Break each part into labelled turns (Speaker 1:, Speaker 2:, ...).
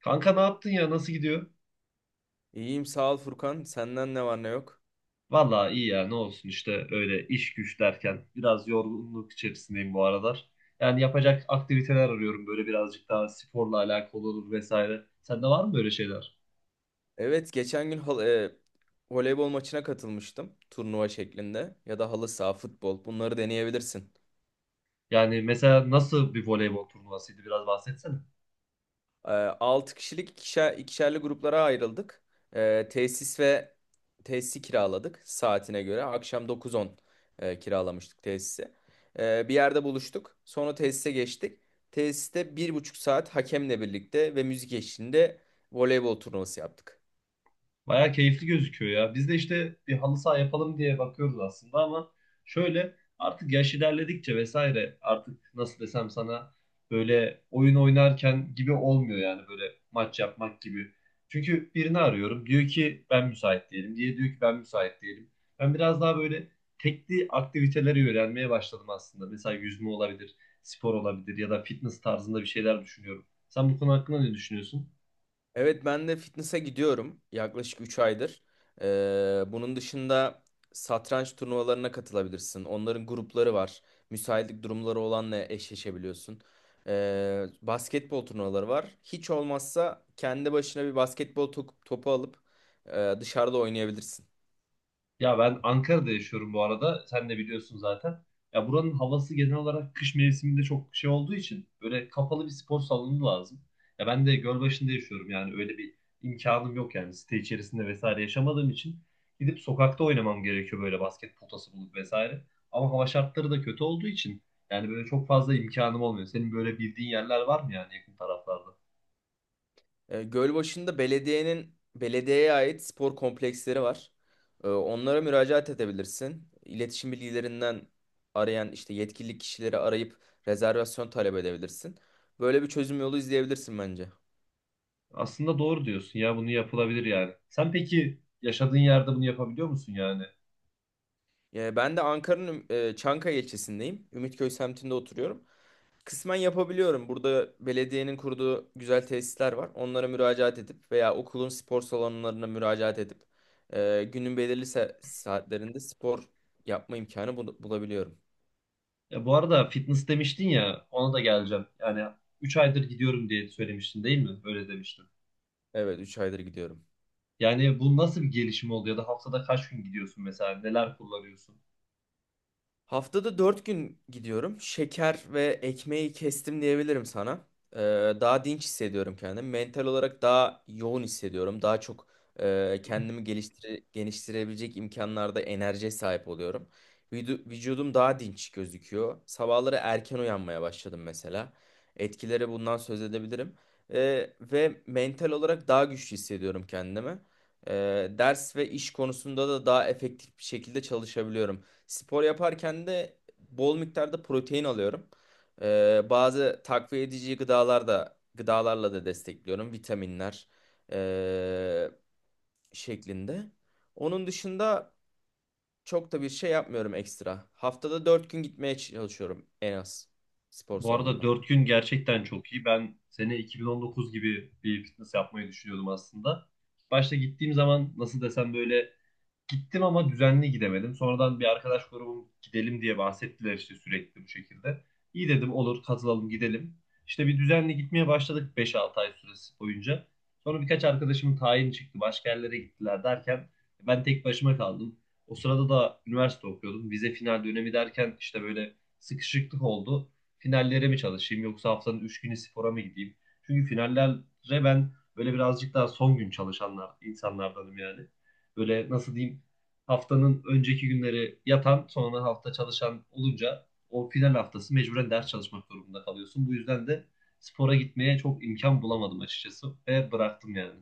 Speaker 1: Kanka ne yaptın ya? Nasıl gidiyor?
Speaker 2: İyiyim sağ ol Furkan. Senden ne var ne yok?
Speaker 1: Valla iyi ya ne olsun işte öyle iş güç derken biraz yorgunluk içerisindeyim bu aralar. Yani yapacak aktiviteler arıyorum böyle birazcık daha sporla alakalı olur vesaire. Sende var mı böyle şeyler?
Speaker 2: Evet geçen gün voleybol maçına katılmıştım. Turnuva şeklinde ya da halı saha, futbol bunları deneyebilirsin.
Speaker 1: Yani mesela nasıl bir voleybol turnuvasıydı biraz bahsetsene.
Speaker 2: E, 6 kişilik ikişerli gruplara ayrıldık. E, tesis ve Tesisi kiraladık saatine göre. Akşam 9-10 kiralamıştık tesisi. Bir yerde buluştuk. Sonra tesise geçtik. Tesiste bir buçuk saat hakemle birlikte ve müzik eşliğinde voleybol turnuvası yaptık.
Speaker 1: Bayağı keyifli gözüküyor ya. Biz de işte bir halı saha yapalım diye bakıyoruz aslında ama şöyle artık yaş ilerledikçe vesaire artık nasıl desem sana böyle oyun oynarken gibi olmuyor yani böyle maç yapmak gibi. Çünkü birini arıyorum diyor ki ben müsait değilim diye diyor ki ben müsait değilim. Ben biraz daha böyle tekli aktiviteleri öğrenmeye başladım aslında. Mesela yüzme olabilir, spor olabilir ya da fitness tarzında bir şeyler düşünüyorum. Sen bu konu hakkında ne düşünüyorsun?
Speaker 2: Evet ben de fitness'e gidiyorum yaklaşık 3 aydır. Bunun dışında satranç turnuvalarına katılabilirsin. Onların grupları var. Müsaitlik durumları olanla eşleşebiliyorsun. Basketbol turnuvaları var. Hiç olmazsa kendi başına bir basketbol topu alıp dışarıda oynayabilirsin.
Speaker 1: Ya ben Ankara'da yaşıyorum bu arada. Sen de biliyorsun zaten. Ya buranın havası genel olarak kış mevsiminde çok şey olduğu için böyle kapalı bir spor salonu lazım. Ya ben de Gölbaşı'nda yaşıyorum yani öyle bir imkanım yok yani site içerisinde vesaire yaşamadığım için gidip sokakta oynamam gerekiyor böyle basket potası bulup vesaire. Ama hava şartları da kötü olduğu için yani böyle çok fazla imkanım olmuyor. Senin böyle bildiğin yerler var mı yani yakın taraflarda?
Speaker 2: Gölbaşı'nda belediyeye ait spor kompleksleri var. Onlara müracaat edebilirsin. İletişim bilgilerinden arayan işte yetkili kişileri arayıp rezervasyon talep edebilirsin. Böyle bir çözüm yolu izleyebilirsin bence.
Speaker 1: Aslında doğru diyorsun ya bunu yapılabilir yani. Sen peki yaşadığın yerde bunu yapabiliyor musun yani?
Speaker 2: Ben de Ankara'nın Çankaya ilçesindeyim. Ümitköy semtinde oturuyorum. Kısmen yapabiliyorum. Burada belediyenin kurduğu güzel tesisler var. Onlara müracaat edip veya okulun spor salonlarına müracaat edip günün belirli saatlerinde spor yapma imkanı bulabiliyorum.
Speaker 1: Ya bu arada fitness demiştin ya ona da geleceğim. Yani 3 aydır gidiyorum diye söylemiştin değil mi? Öyle demiştin.
Speaker 2: Evet, üç aydır gidiyorum.
Speaker 1: Yani bu nasıl bir gelişim oldu ya da haftada kaç gün gidiyorsun mesela? Neler kullanıyorsun?
Speaker 2: Haftada 4 gün gidiyorum. Şeker ve ekmeği kestim diyebilirim sana. Ee, Daha dinç hissediyorum kendimi. Mental olarak daha yoğun hissediyorum. Daha çok kendimi geliştirebilecek imkanlarda enerjiye sahip oluyorum. Vücudum daha dinç gözüküyor. Sabahları erken uyanmaya başladım mesela. Etkileri bundan söz edebilirim. Ve mental olarak daha güçlü hissediyorum kendimi. Ders ve iş konusunda da daha efektif bir şekilde çalışabiliyorum. Spor yaparken de bol miktarda protein alıyorum. Bazı takviye edici gıdalarla da destekliyorum. Vitaminler ee, şeklinde. Onun dışında çok da bir şey yapmıyorum ekstra. Haftada 4 gün gitmeye çalışıyorum en az spor
Speaker 1: Bu arada
Speaker 2: salonuna.
Speaker 1: 4 gün gerçekten çok iyi. Ben sene 2019 gibi bir fitness yapmayı düşünüyordum aslında. Başta gittiğim zaman nasıl desem böyle gittim ama düzenli gidemedim. Sonradan bir arkadaş grubum gidelim diye bahsettiler işte sürekli bu şekilde. İyi dedim olur katılalım gidelim. İşte bir düzenli gitmeye başladık 5-6 ay süresi boyunca. Sonra birkaç arkadaşımın tayini çıktı. Başka yerlere gittiler derken ben tek başıma kaldım. O sırada da üniversite okuyordum. Vize final dönemi derken işte böyle sıkışıklık oldu. Finallere mi çalışayım yoksa haftanın 3 günü spora mı gideyim? Çünkü finallere ben böyle birazcık daha son gün çalışanlar insanlardanım yani. Böyle nasıl diyeyim haftanın önceki günleri yatan, sonra hafta çalışan olunca o final haftası mecburen ders çalışmak durumunda kalıyorsun. Bu yüzden de spora gitmeye çok imkan bulamadım açıkçası ve bıraktım yani.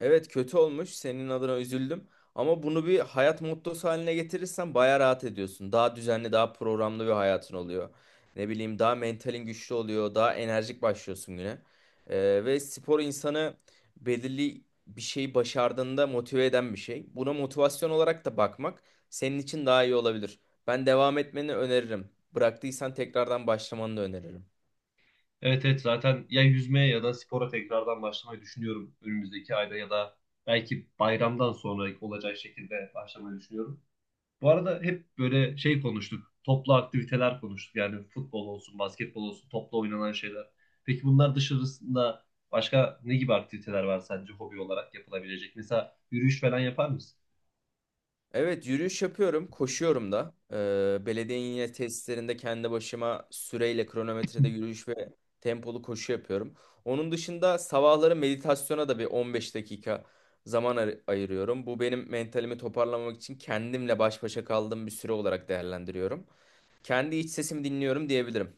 Speaker 2: Evet kötü olmuş. Senin adına üzüldüm. Ama bunu bir hayat mottosu haline getirirsen baya rahat ediyorsun. Daha düzenli, daha programlı bir hayatın oluyor. Ne bileyim daha mentalin güçlü oluyor. Daha enerjik başlıyorsun güne. Ve spor insanı belirli bir şeyi başardığında motive eden bir şey. Buna motivasyon olarak da bakmak senin için daha iyi olabilir. Ben devam etmeni öneririm. Bıraktıysan tekrardan başlamanı da öneririm.
Speaker 1: Evet evet zaten ya yüzmeye ya da spora tekrardan başlamayı düşünüyorum önümüzdeki ayda ya da belki bayramdan sonra olacak şekilde başlamayı düşünüyorum. Bu arada hep böyle şey konuştuk. Toplu aktiviteler konuştuk. Yani futbol olsun, basketbol olsun, toplu oynanan şeyler. Peki bunlar dışarısında başka ne gibi aktiviteler var sence hobi olarak yapılabilecek? Mesela yürüyüş falan yapar mısın?
Speaker 2: Evet yürüyüş yapıyorum, koşuyorum da. Belediyenin yine tesislerinde kendi başıma süreyle kronometrede yürüyüş ve tempolu koşu yapıyorum. Onun dışında sabahları meditasyona da bir 15 dakika zaman ayırıyorum. Bu benim mentalimi toparlamak için kendimle baş başa kaldığım bir süre olarak değerlendiriyorum. Kendi iç sesimi dinliyorum diyebilirim.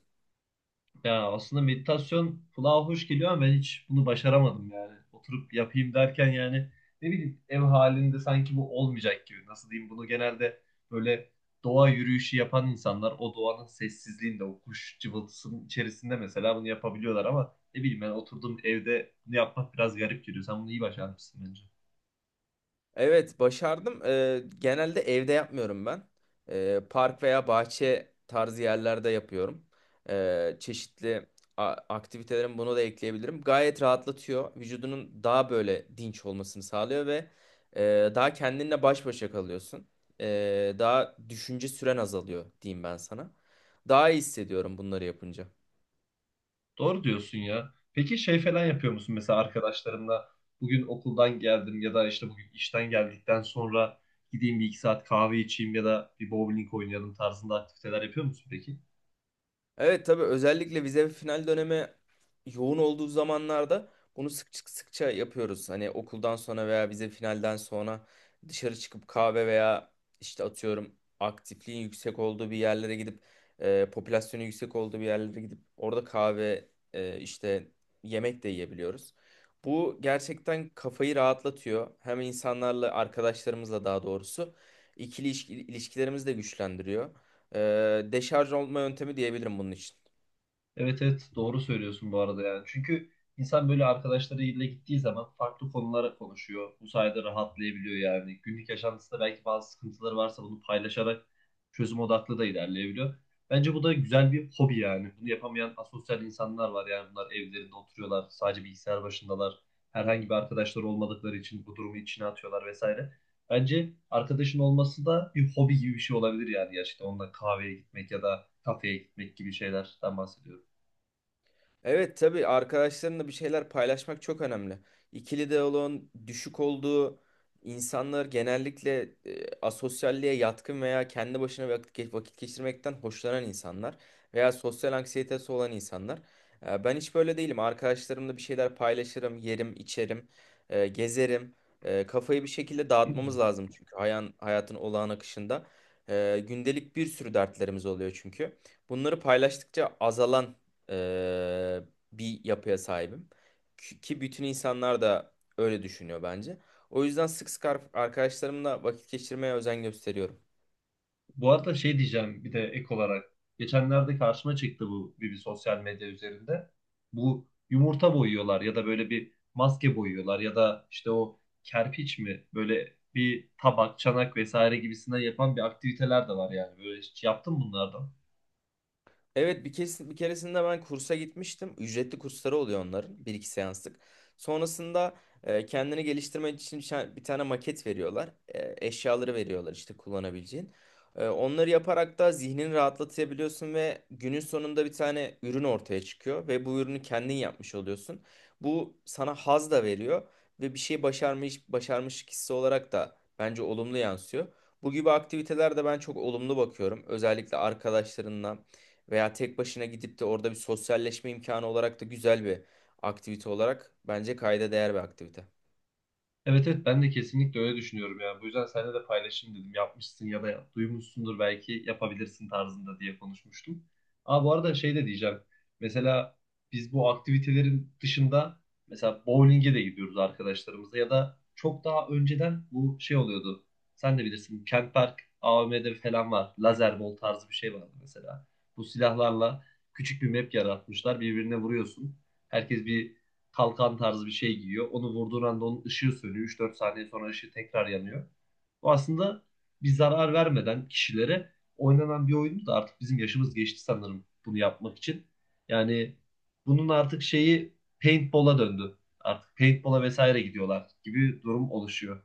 Speaker 1: Ya aslında meditasyon kulağa hoş geliyor ama ben hiç bunu başaramadım yani. Oturup yapayım derken yani ne bileyim ev halinde sanki bu olmayacak gibi. Nasıl diyeyim bunu genelde böyle doğa yürüyüşü yapan insanlar o doğanın sessizliğinde o kuş cıvıltısının içerisinde mesela bunu yapabiliyorlar ama ne bileyim ben oturduğum evde bunu yapmak biraz garip geliyor. Sen bunu iyi başarmışsın bence.
Speaker 2: Evet başardım. Genelde evde yapmıyorum ben. Park veya bahçe tarzı yerlerde yapıyorum. Çeşitli aktivitelerim bunu da ekleyebilirim. Gayet rahatlatıyor. Vücudunun daha böyle dinç olmasını sağlıyor ve daha kendinle baş başa kalıyorsun. Daha düşünce süren azalıyor diyeyim ben sana. Daha iyi hissediyorum bunları yapınca.
Speaker 1: Doğru diyorsun ya. Peki şey falan yapıyor musun mesela arkadaşlarınla bugün okuldan geldim ya da işte bugün işten geldikten sonra gideyim bir iki saat kahve içeyim ya da bir bowling oynayalım tarzında aktiviteler yapıyor musun peki?
Speaker 2: Evet tabii özellikle vize ve final dönemi yoğun olduğu zamanlarda bunu sık sıkça yapıyoruz. Hani okuldan sonra veya vize finalden sonra dışarı çıkıp kahve veya işte atıyorum aktifliğin yüksek olduğu bir yerlere gidip popülasyonun yüksek olduğu bir yerlere gidip orada kahve işte yemek de yiyebiliyoruz. Bu gerçekten kafayı rahatlatıyor. Hem insanlarla arkadaşlarımızla daha doğrusu ikili ilişkilerimizi de güçlendiriyor. Deşarj olma yöntemi diyebilirim bunun için.
Speaker 1: Evet evet doğru söylüyorsun bu arada yani. Çünkü insan böyle arkadaşlarıyla gittiği zaman farklı konulara konuşuyor. Bu sayede rahatlayabiliyor yani. Günlük yaşantısında belki bazı sıkıntıları varsa bunu paylaşarak çözüm odaklı da ilerleyebiliyor. Bence bu da güzel bir hobi yani. Bunu yapamayan asosyal insanlar var yani. Bunlar evlerinde oturuyorlar, sadece bilgisayar başındalar. Herhangi bir arkadaşları olmadıkları için bu durumu içine atıyorlar vesaire. Bence arkadaşın olması da bir hobi gibi bir şey olabilir yani gerçekten. Onunla kahveye gitmek ya da kafeye gitmek gibi şeylerden bahsediyorum.
Speaker 2: Evet tabii arkadaşlarınla bir şeyler paylaşmak çok önemli. İkili diyaloğun düşük olduğu insanlar genellikle asosyalliğe yatkın veya kendi başına vakit geçirmekten hoşlanan insanlar veya sosyal anksiyetesi olan insanlar. Ben hiç böyle değilim. Arkadaşlarımla bir şeyler paylaşırım, yerim, içerim, gezerim. Kafayı bir şekilde dağıtmamız lazım çünkü hayatın olağan akışında. Gündelik bir sürü dertlerimiz oluyor çünkü. Bunları paylaştıkça azalan e, bir yapıya sahibim. Ki bütün insanlar da öyle düşünüyor bence. O yüzden sık sık arkadaşlarımla vakit geçirmeye özen gösteriyorum.
Speaker 1: Bu arada şey diyeceğim bir de ek olarak. Geçenlerde karşıma çıktı bu bir sosyal medya üzerinde. Bu yumurta boyuyorlar ya da böyle bir maske boyuyorlar ya da işte o kerpiç mi böyle bir tabak, çanak vesaire gibisinden yapan bir aktiviteler de var yani. Böyle hiç yaptın mı bunlardan?
Speaker 2: Evet bir keresinde ben kursa gitmiştim. Ücretli kursları oluyor onların. Bir iki seanslık. Sonrasında kendini geliştirmen için bir tane maket veriyorlar. Eşyaları veriyorlar işte kullanabileceğin. Onları yaparak da zihnini rahatlatabiliyorsun ve günün sonunda bir tane ürün ortaya çıkıyor ve bu ürünü kendin yapmış oluyorsun. Bu sana haz da veriyor ve bir şey başarmış hissi olarak da bence olumlu yansıyor. Bu gibi aktivitelerde ben çok olumlu bakıyorum. Özellikle arkadaşlarınla veya tek başına gidip de orada bir sosyalleşme imkanı olarak da güzel bir aktivite olarak bence kayda değer bir aktivite.
Speaker 1: Evet evet ben de kesinlikle öyle düşünüyorum yani. Bu yüzden seninle de paylaşayım dedim. Yapmışsın ya da duymuşsundur belki yapabilirsin tarzında diye konuşmuştum. Aa bu arada şey de diyeceğim. Mesela biz bu aktivitelerin dışında mesela bowling'e de gidiyoruz arkadaşlarımızla ya da çok daha önceden bu şey oluyordu. Sen de bilirsin Kent Park AVM'de falan var. Lazer bol tarzı bir şey vardı mesela. Bu silahlarla küçük bir map yaratmışlar. Birbirine vuruyorsun. Herkes bir kalkan tarzı bir şey giyiyor. Onu vurduğun anda onun ışığı sönüyor. 3-4 saniye sonra ışığı tekrar yanıyor. Bu aslında bir zarar vermeden kişilere oynanan bir oyundu da artık bizim yaşımız geçti sanırım bunu yapmak için. Yani bunun artık şeyi paintball'a döndü. Artık paintball'a vesaire gidiyorlar gibi durum oluşuyor.